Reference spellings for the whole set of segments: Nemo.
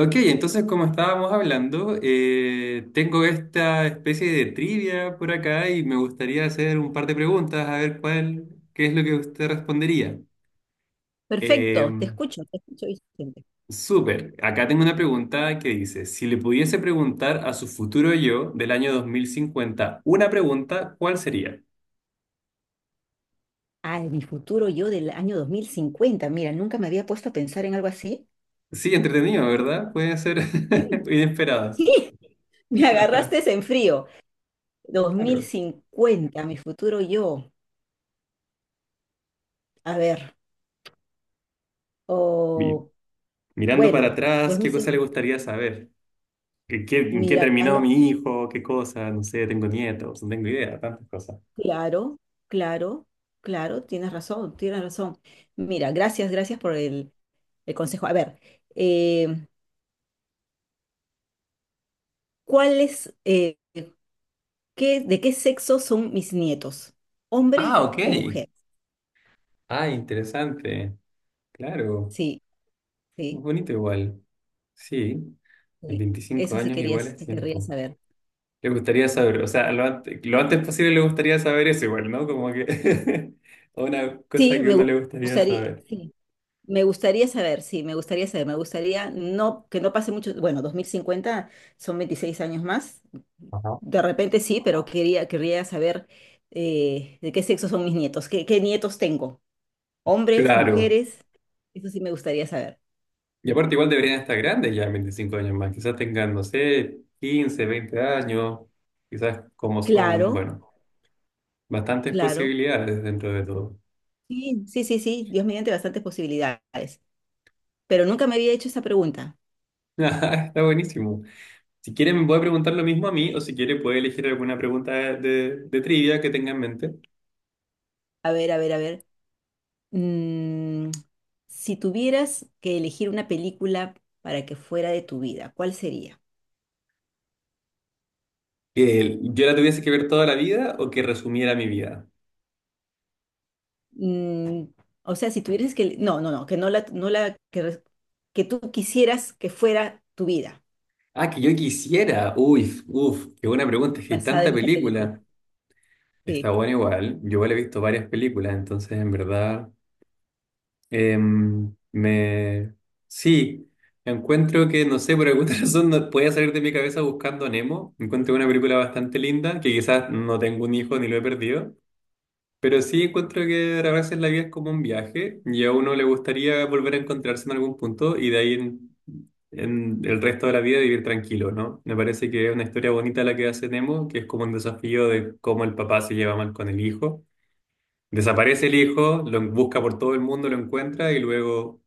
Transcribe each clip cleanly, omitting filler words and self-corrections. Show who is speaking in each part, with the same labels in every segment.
Speaker 1: Ok, entonces como estábamos hablando, tengo esta especie de trivia por acá y me gustaría hacer un par de preguntas a ver cuál, qué es lo que usted respondería. Eh,
Speaker 2: Perfecto, te escucho, Vicente.
Speaker 1: Súper, acá tengo una pregunta que dice, si le pudiese preguntar a su futuro yo del año 2050 una pregunta, ¿cuál sería?
Speaker 2: Ah, en mi futuro yo del año 2050. Mira, nunca me había puesto a pensar en algo así.
Speaker 1: Sí, entretenido,
Speaker 2: Eh,
Speaker 1: ¿verdad? Pueden ser
Speaker 2: Sí, sí,
Speaker 1: inesperadas.
Speaker 2: me agarraste en frío. Dos mil
Speaker 1: Claro.
Speaker 2: cincuenta, mi futuro yo. A ver,
Speaker 1: Mi-
Speaker 2: o
Speaker 1: Mirando para
Speaker 2: bueno,
Speaker 1: atrás, ¿qué cosa le
Speaker 2: 2050,
Speaker 1: gustaría saber? ¿En qué terminó
Speaker 2: mirando,
Speaker 1: mi hijo? ¿Qué cosa? No sé, tengo nietos, no tengo idea, tantas cosas.
Speaker 2: claro, claro, claro, tienes razón, tienes razón. Mira, gracias, gracias por el consejo. A ver, eh, ¿cuál es, ¿qué, de qué sexo son mis nietos?
Speaker 1: Ah,
Speaker 2: ¿Hombres
Speaker 1: ok.
Speaker 2: o mujeres?
Speaker 1: Ah, interesante. Claro.
Speaker 2: Sí, sí,
Speaker 1: Muy bonito igual. Sí, en
Speaker 2: sí.
Speaker 1: 25
Speaker 2: Eso sí
Speaker 1: años
Speaker 2: quería,
Speaker 1: igual es
Speaker 2: sí querría
Speaker 1: tiempo.
Speaker 2: saber.
Speaker 1: Le gustaría saber, o sea, lo antes posible le gustaría saber eso igual, ¿no? Como que una cosa
Speaker 2: Sí,
Speaker 1: que uno le gustaría
Speaker 2: gustaría,
Speaker 1: saber.
Speaker 2: sí, me gustaría saber, sí, me gustaría saber, me gustaría no, que no pase mucho, bueno, 2050 son 26 años más,
Speaker 1: Ajá.
Speaker 2: de repente sí, pero quería, querría saber de qué sexo son mis nietos, qué, qué nietos tengo, hombres,
Speaker 1: Claro.
Speaker 2: mujeres, eso sí me gustaría saber.
Speaker 1: Y aparte igual deberían estar grandes ya, en 25 años más. Quizás tengan, no sé, 15 20 años. Quizás como son,
Speaker 2: Claro,
Speaker 1: bueno. Bastantes
Speaker 2: claro.
Speaker 1: posibilidades dentro de todo.
Speaker 2: Sí, sí, sí, sí, Dios mediante bastantes posibilidades. Pero nunca me había hecho esa pregunta.
Speaker 1: Está buenísimo. Si quiere me puede preguntar lo mismo a mí o si quiere puede elegir alguna pregunta de trivia que tenga en mente.
Speaker 2: A ver, a ver, a ver. Mm, si tuvieras que elegir una película para que fuera de tu vida, ¿cuál sería?
Speaker 1: Que yo la tuviese que ver toda la vida o que resumiera mi vida.
Speaker 2: Mm, o sea, si tuvieras que... No, no, no, que no la, no la, que tú quisieras que fuera tu vida,
Speaker 1: Ah, que yo quisiera. Uy, uf, qué buena pregunta. Es que hay
Speaker 2: basada
Speaker 1: tanta
Speaker 2: en esa película.
Speaker 1: película. Está
Speaker 2: Sí.
Speaker 1: bueno igual. Yo igual he visto varias películas, entonces en verdad... me... Sí, encuentro que, no sé, por alguna razón no puede salir de mi cabeza buscando a Nemo. Encuentro una película bastante linda, que quizás no tengo un hijo ni lo he perdido, pero sí encuentro que a veces la vida es como un viaje y a uno le gustaría volver a encontrarse en algún punto y de ahí en el resto de la vida vivir tranquilo, ¿no? Me parece que es una historia bonita la que hace Nemo, que es como un desafío de cómo el papá se lleva mal con el hijo. Desaparece el hijo, lo busca por todo el mundo, lo encuentra y luego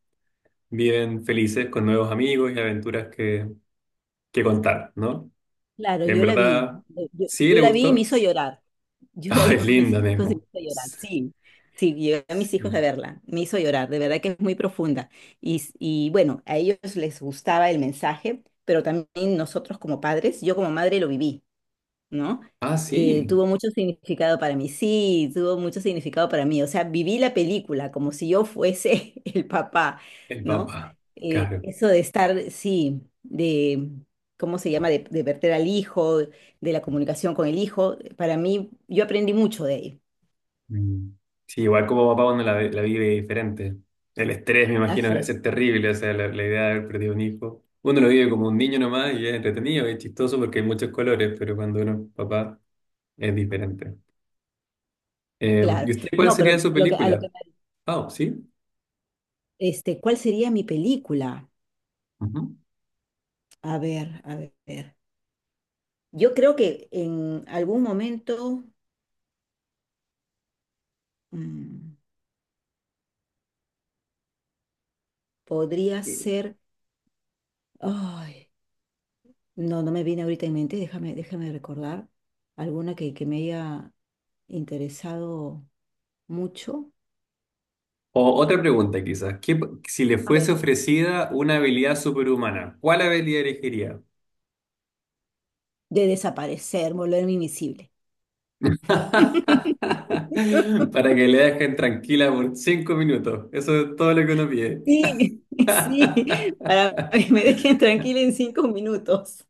Speaker 1: viven felices con nuevos amigos y aventuras que contar, ¿no?
Speaker 2: Claro,
Speaker 1: En
Speaker 2: yo la vi,
Speaker 1: verdad, sí le
Speaker 2: yo la vi y me
Speaker 1: gustó.
Speaker 2: hizo llorar. Yo la
Speaker 1: Ah,
Speaker 2: vi
Speaker 1: es
Speaker 2: con mis
Speaker 1: linda,
Speaker 2: hijos y me
Speaker 1: Nemo.
Speaker 2: hizo llorar, sí, sí, llevé a mis hijos a
Speaker 1: Sí.
Speaker 2: verla, me hizo llorar, de verdad que es muy profunda. Y, y bueno, a ellos les gustaba el mensaje, pero también nosotros como padres, yo como madre lo viví, ¿no?
Speaker 1: Ah, sí,
Speaker 2: Tuvo mucho significado para mí, sí, tuvo mucho significado para mí. O sea, viví la película como si yo fuese el papá,
Speaker 1: el
Speaker 2: ¿no?
Speaker 1: papá. Claro.
Speaker 2: Eso de estar, sí, de, ¿cómo se llama? De verter al hijo, de la comunicación con el hijo, para mí, yo aprendí mucho de ahí.
Speaker 1: Mm. Sí, igual como papá uno la vive diferente. El estrés, me imagino,
Speaker 2: Así
Speaker 1: debe ser
Speaker 2: es,
Speaker 1: terrible. O sea, la idea de haber perdido un hijo. Uno lo vive como un niño nomás y es entretenido, es chistoso porque hay muchos colores, pero cuando uno es papá es diferente. ¿Y
Speaker 2: claro.
Speaker 1: usted cuál
Speaker 2: No, pero
Speaker 1: sería su
Speaker 2: lo que, a lo que,
Speaker 1: película? Ah, sí.
Speaker 2: este, ¿cuál sería mi película?
Speaker 1: Ujú.
Speaker 2: A ver, a ver. Yo creo que en algún momento mm, podría ser... Ay, no, no me viene ahorita en mente. Déjame, déjame recordar alguna que me haya interesado mucho.
Speaker 1: O otra pregunta quizás, si le
Speaker 2: A ver,
Speaker 1: fuese ofrecida una habilidad superhumana, ¿cuál habilidad elegiría?
Speaker 2: de desaparecer, volverme invisible.
Speaker 1: Para que le dejen tranquila por 5 minutos. Eso es todo lo que uno pide.
Speaker 2: Sí, sí, para que me dejen tranquila en 5 minutos.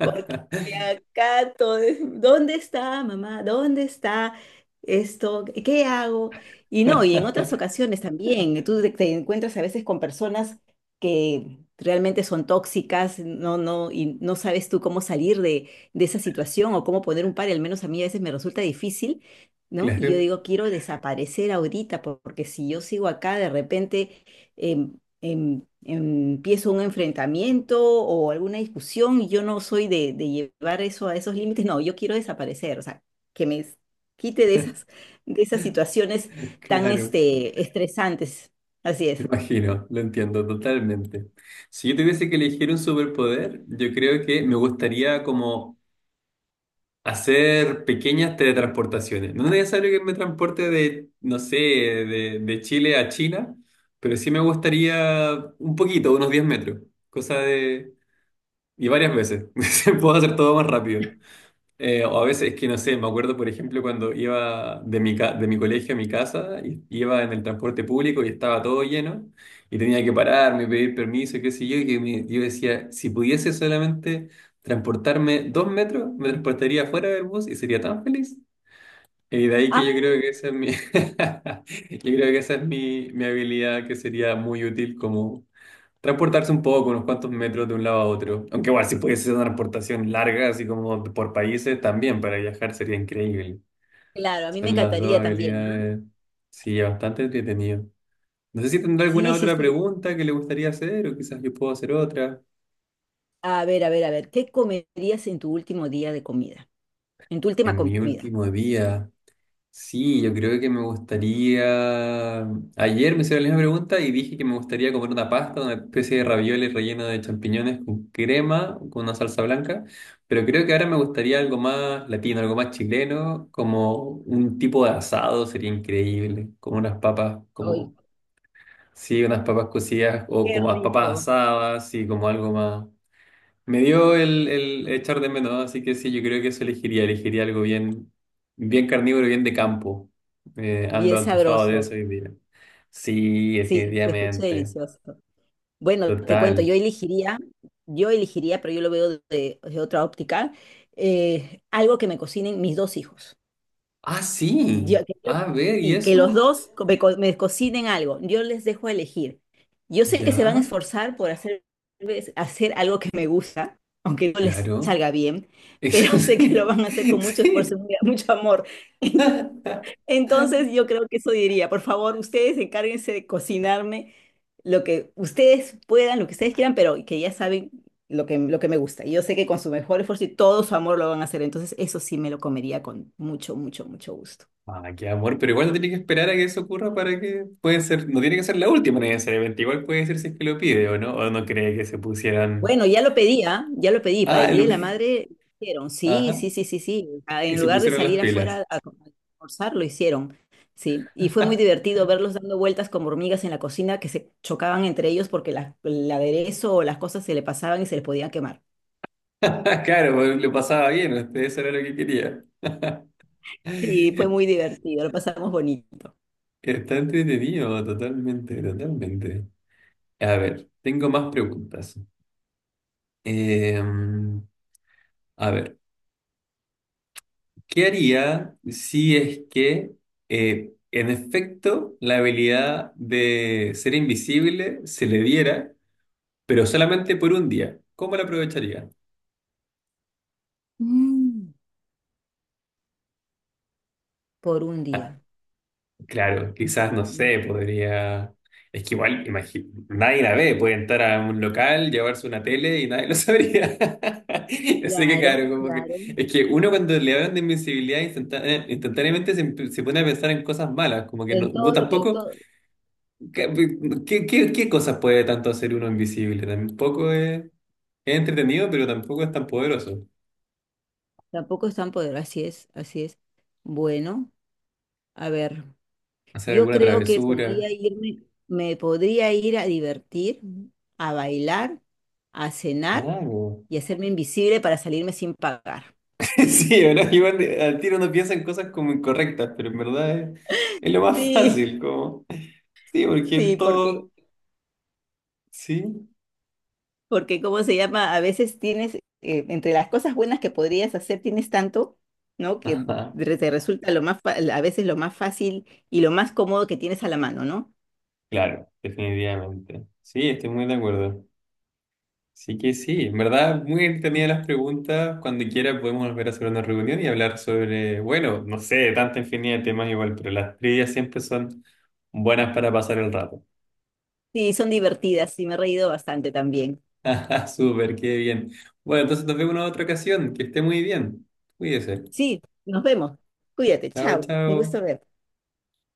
Speaker 2: Porque acá todo es, ¿dónde está mamá? ¿Dónde está esto? ¿Qué hago? Y no, y en otras ocasiones también, tú te, te encuentras a veces con personas que realmente son tóxicas, no, no, y no sabes tú cómo salir de esa situación o cómo poner un par, y al menos a mí a veces me resulta difícil, ¿no? Y yo
Speaker 1: Claro,
Speaker 2: digo, quiero desaparecer ahorita, porque si yo sigo acá, de repente eh, empiezo un enfrentamiento o alguna discusión y yo no soy de llevar eso a esos límites, no, yo quiero desaparecer, o sea, que me s- quite de esas situaciones tan
Speaker 1: claro.
Speaker 2: este, estresantes. Así
Speaker 1: Me
Speaker 2: es.
Speaker 1: imagino, lo entiendo totalmente. Si yo tuviese que elegir un superpoder, yo creo que me gustaría como hacer pequeñas teletransportaciones. No es necesario que me transporte de, no sé, de Chile a China, pero sí me gustaría un poquito, unos 10 metros. Cosa de... Y varias veces. Puedo hacer todo más rápido. O a veces es que no sé, me acuerdo, por ejemplo, cuando iba de mi colegio a mi casa, y iba en el transporte público y estaba todo lleno, y tenía que pararme, pedir permiso, qué sé yo, y yo decía, si pudiese solamente transportarme 2 metros, me transportaría fuera del bus y sería tan feliz. Y de ahí
Speaker 2: Ah,
Speaker 1: que yo creo que esa es mi, yo creo que esa es mi habilidad que sería muy útil como transportarse un poco, unos cuantos metros de un lado a otro. Aunque igual si pudiese ser una transportación larga, así como por países, también para viajar sería increíble.
Speaker 2: claro, a mí me
Speaker 1: Son las dos
Speaker 2: encantaría también, ¿ah?
Speaker 1: habilidades. Sí, bastante entretenido. No sé si tendrá alguna
Speaker 2: Sí, sí,
Speaker 1: otra
Speaker 2: sí.
Speaker 1: pregunta que le gustaría hacer o quizás yo puedo hacer otra.
Speaker 2: A ver, a ver, a ver, ¿qué comerías en tu último día de comida? En tu última
Speaker 1: En mi
Speaker 2: comida.
Speaker 1: último día. Sí, yo creo que me gustaría. Ayer me hicieron la misma pregunta y dije que me gustaría comer una pasta, una especie de ravioles relleno de champiñones con crema, con una salsa blanca. Pero creo que ahora me gustaría algo más latino, algo más chileno, como un tipo de asado sería increíble, como unas papas,
Speaker 2: Ay,
Speaker 1: como sí, unas papas cocidas o
Speaker 2: qué
Speaker 1: como las papas
Speaker 2: rico.
Speaker 1: asadas, y como algo más. Me dio el echar de menos, así que sí, yo creo que eso elegiría. Elegiría algo bien, bien carnívoro, bien de campo. Ando
Speaker 2: Bien
Speaker 1: antojado de
Speaker 2: sabroso.
Speaker 1: eso hoy día. Sí,
Speaker 2: Sí, se escucha
Speaker 1: definitivamente.
Speaker 2: delicioso. Bueno, te cuento,
Speaker 1: Total.
Speaker 2: yo elegiría, pero yo lo veo de otra óptica, algo que me cocinen mis dos hijos.
Speaker 1: Ah, sí.
Speaker 2: Yo- que yo-
Speaker 1: A ver, ¿y
Speaker 2: sí, que los
Speaker 1: eso?
Speaker 2: dos co- me, co- me cocinen algo. Yo les dejo elegir. Yo sé que se van a
Speaker 1: Ya,
Speaker 2: esforzar por hacer, pues, hacer algo que me gusta, aunque no les
Speaker 1: claro.
Speaker 2: salga bien, pero
Speaker 1: Eso
Speaker 2: sé que lo
Speaker 1: sí.
Speaker 2: van a hacer con mucho esfuerzo
Speaker 1: Sí.
Speaker 2: y mucho amor. Entonces yo creo que eso diría, por favor, ustedes encárguense de cocinarme lo que ustedes puedan, lo que ustedes quieran, pero que ya saben lo que me gusta. Y yo sé que con su mejor esfuerzo y todo su amor lo van a hacer, entonces eso sí me lo comería con mucho, mucho, mucho gusto.
Speaker 1: Ah, qué amor, pero igual no tiene que esperar a que eso ocurra para que puede ser, no tiene que ser la última necesariamente, igual puede ser si es que lo pide o no cree que se pusieran.
Speaker 2: Bueno, ya lo pedía, ya lo pedí, para
Speaker 1: Ah,
Speaker 2: el Día
Speaker 1: lo
Speaker 2: de la Madre hicieron, sí,
Speaker 1: Ajá.
Speaker 2: sí, sí, sí, sí, ah,
Speaker 1: Y
Speaker 2: en
Speaker 1: se
Speaker 2: lugar de
Speaker 1: pusieron las
Speaker 2: salir
Speaker 1: pilas.
Speaker 2: afuera a almorzar, lo hicieron, sí, y fue muy divertido verlos dando vueltas como hormigas en la cocina que se chocaban entre ellos porque el aderezo o las cosas se le pasaban y se les podían quemar.
Speaker 1: Claro, pues, lo pasaba bien, usted eso era lo que quería.
Speaker 2: Sí, fue muy divertido, lo pasamos bonito.
Speaker 1: Está entretenido, totalmente, totalmente. A ver, tengo más preguntas. Eh, a ver, ¿qué haría si es que, en efecto, la habilidad de ser invisible se le diera, pero solamente por un día? ¿Cómo la aprovecharía?
Speaker 2: Mm, por un día.
Speaker 1: Claro, quizás, no sé,
Speaker 2: Mm,
Speaker 1: podría... Es que igual, nadie la ve, puede entrar a un local, llevarse una tele y nadie lo sabría. Así que claro,
Speaker 2: claro,
Speaker 1: como que...
Speaker 2: claro.
Speaker 1: Es que uno cuando le hablan de instantáneamente se pone a pensar en cosas malas, como que no,
Speaker 2: En
Speaker 1: vos
Speaker 2: todo lo que,
Speaker 1: tampoco...
Speaker 2: todo,
Speaker 1: ¿Qué, qué cosas puede tanto hacer uno invisible? Tampoco es entretenido, pero tampoco es tan poderoso.
Speaker 2: tampoco es tan poderoso, así es, así es. Bueno, a ver.
Speaker 1: Hacer
Speaker 2: Yo
Speaker 1: alguna
Speaker 2: creo que
Speaker 1: travesura.
Speaker 2: podría irme, me podría ir a divertir, a bailar, a cenar
Speaker 1: Claro.
Speaker 2: y hacerme invisible para salirme sin pagar.
Speaker 1: Sí, ¿verdad? Igual al tiro uno piensa en cosas como incorrectas, pero en verdad es lo más
Speaker 2: Sí,
Speaker 1: fácil, como. Sí, porque
Speaker 2: sí, porque,
Speaker 1: todo. Sí.
Speaker 2: porque ¿cómo se llama? A veces tienes, entre las cosas buenas que podrías hacer, tienes tanto, ¿no? Que
Speaker 1: Ajá.
Speaker 2: re- te resulta lo más, a veces lo más fácil y lo más cómodo que tienes a la mano, ¿no?
Speaker 1: Claro, definitivamente. Sí, estoy muy de acuerdo. Sí que sí, en verdad, muy
Speaker 2: A
Speaker 1: entretenidas
Speaker 2: ver.
Speaker 1: las preguntas. Cuando quiera podemos volver a hacer una reunión y hablar sobre, bueno, no sé, tanta infinidad de temas igual, pero las trivias siempre son buenas para pasar el rato.
Speaker 2: Sí, son divertidas y me he reído bastante también.
Speaker 1: Súper, qué bien. Bueno, entonces nos vemos en otra ocasión. Que esté muy bien. Cuídese.
Speaker 2: Sí, nos vemos. Cuídate,
Speaker 1: Chao,
Speaker 2: chao. Un gusto
Speaker 1: chao.
Speaker 2: verte.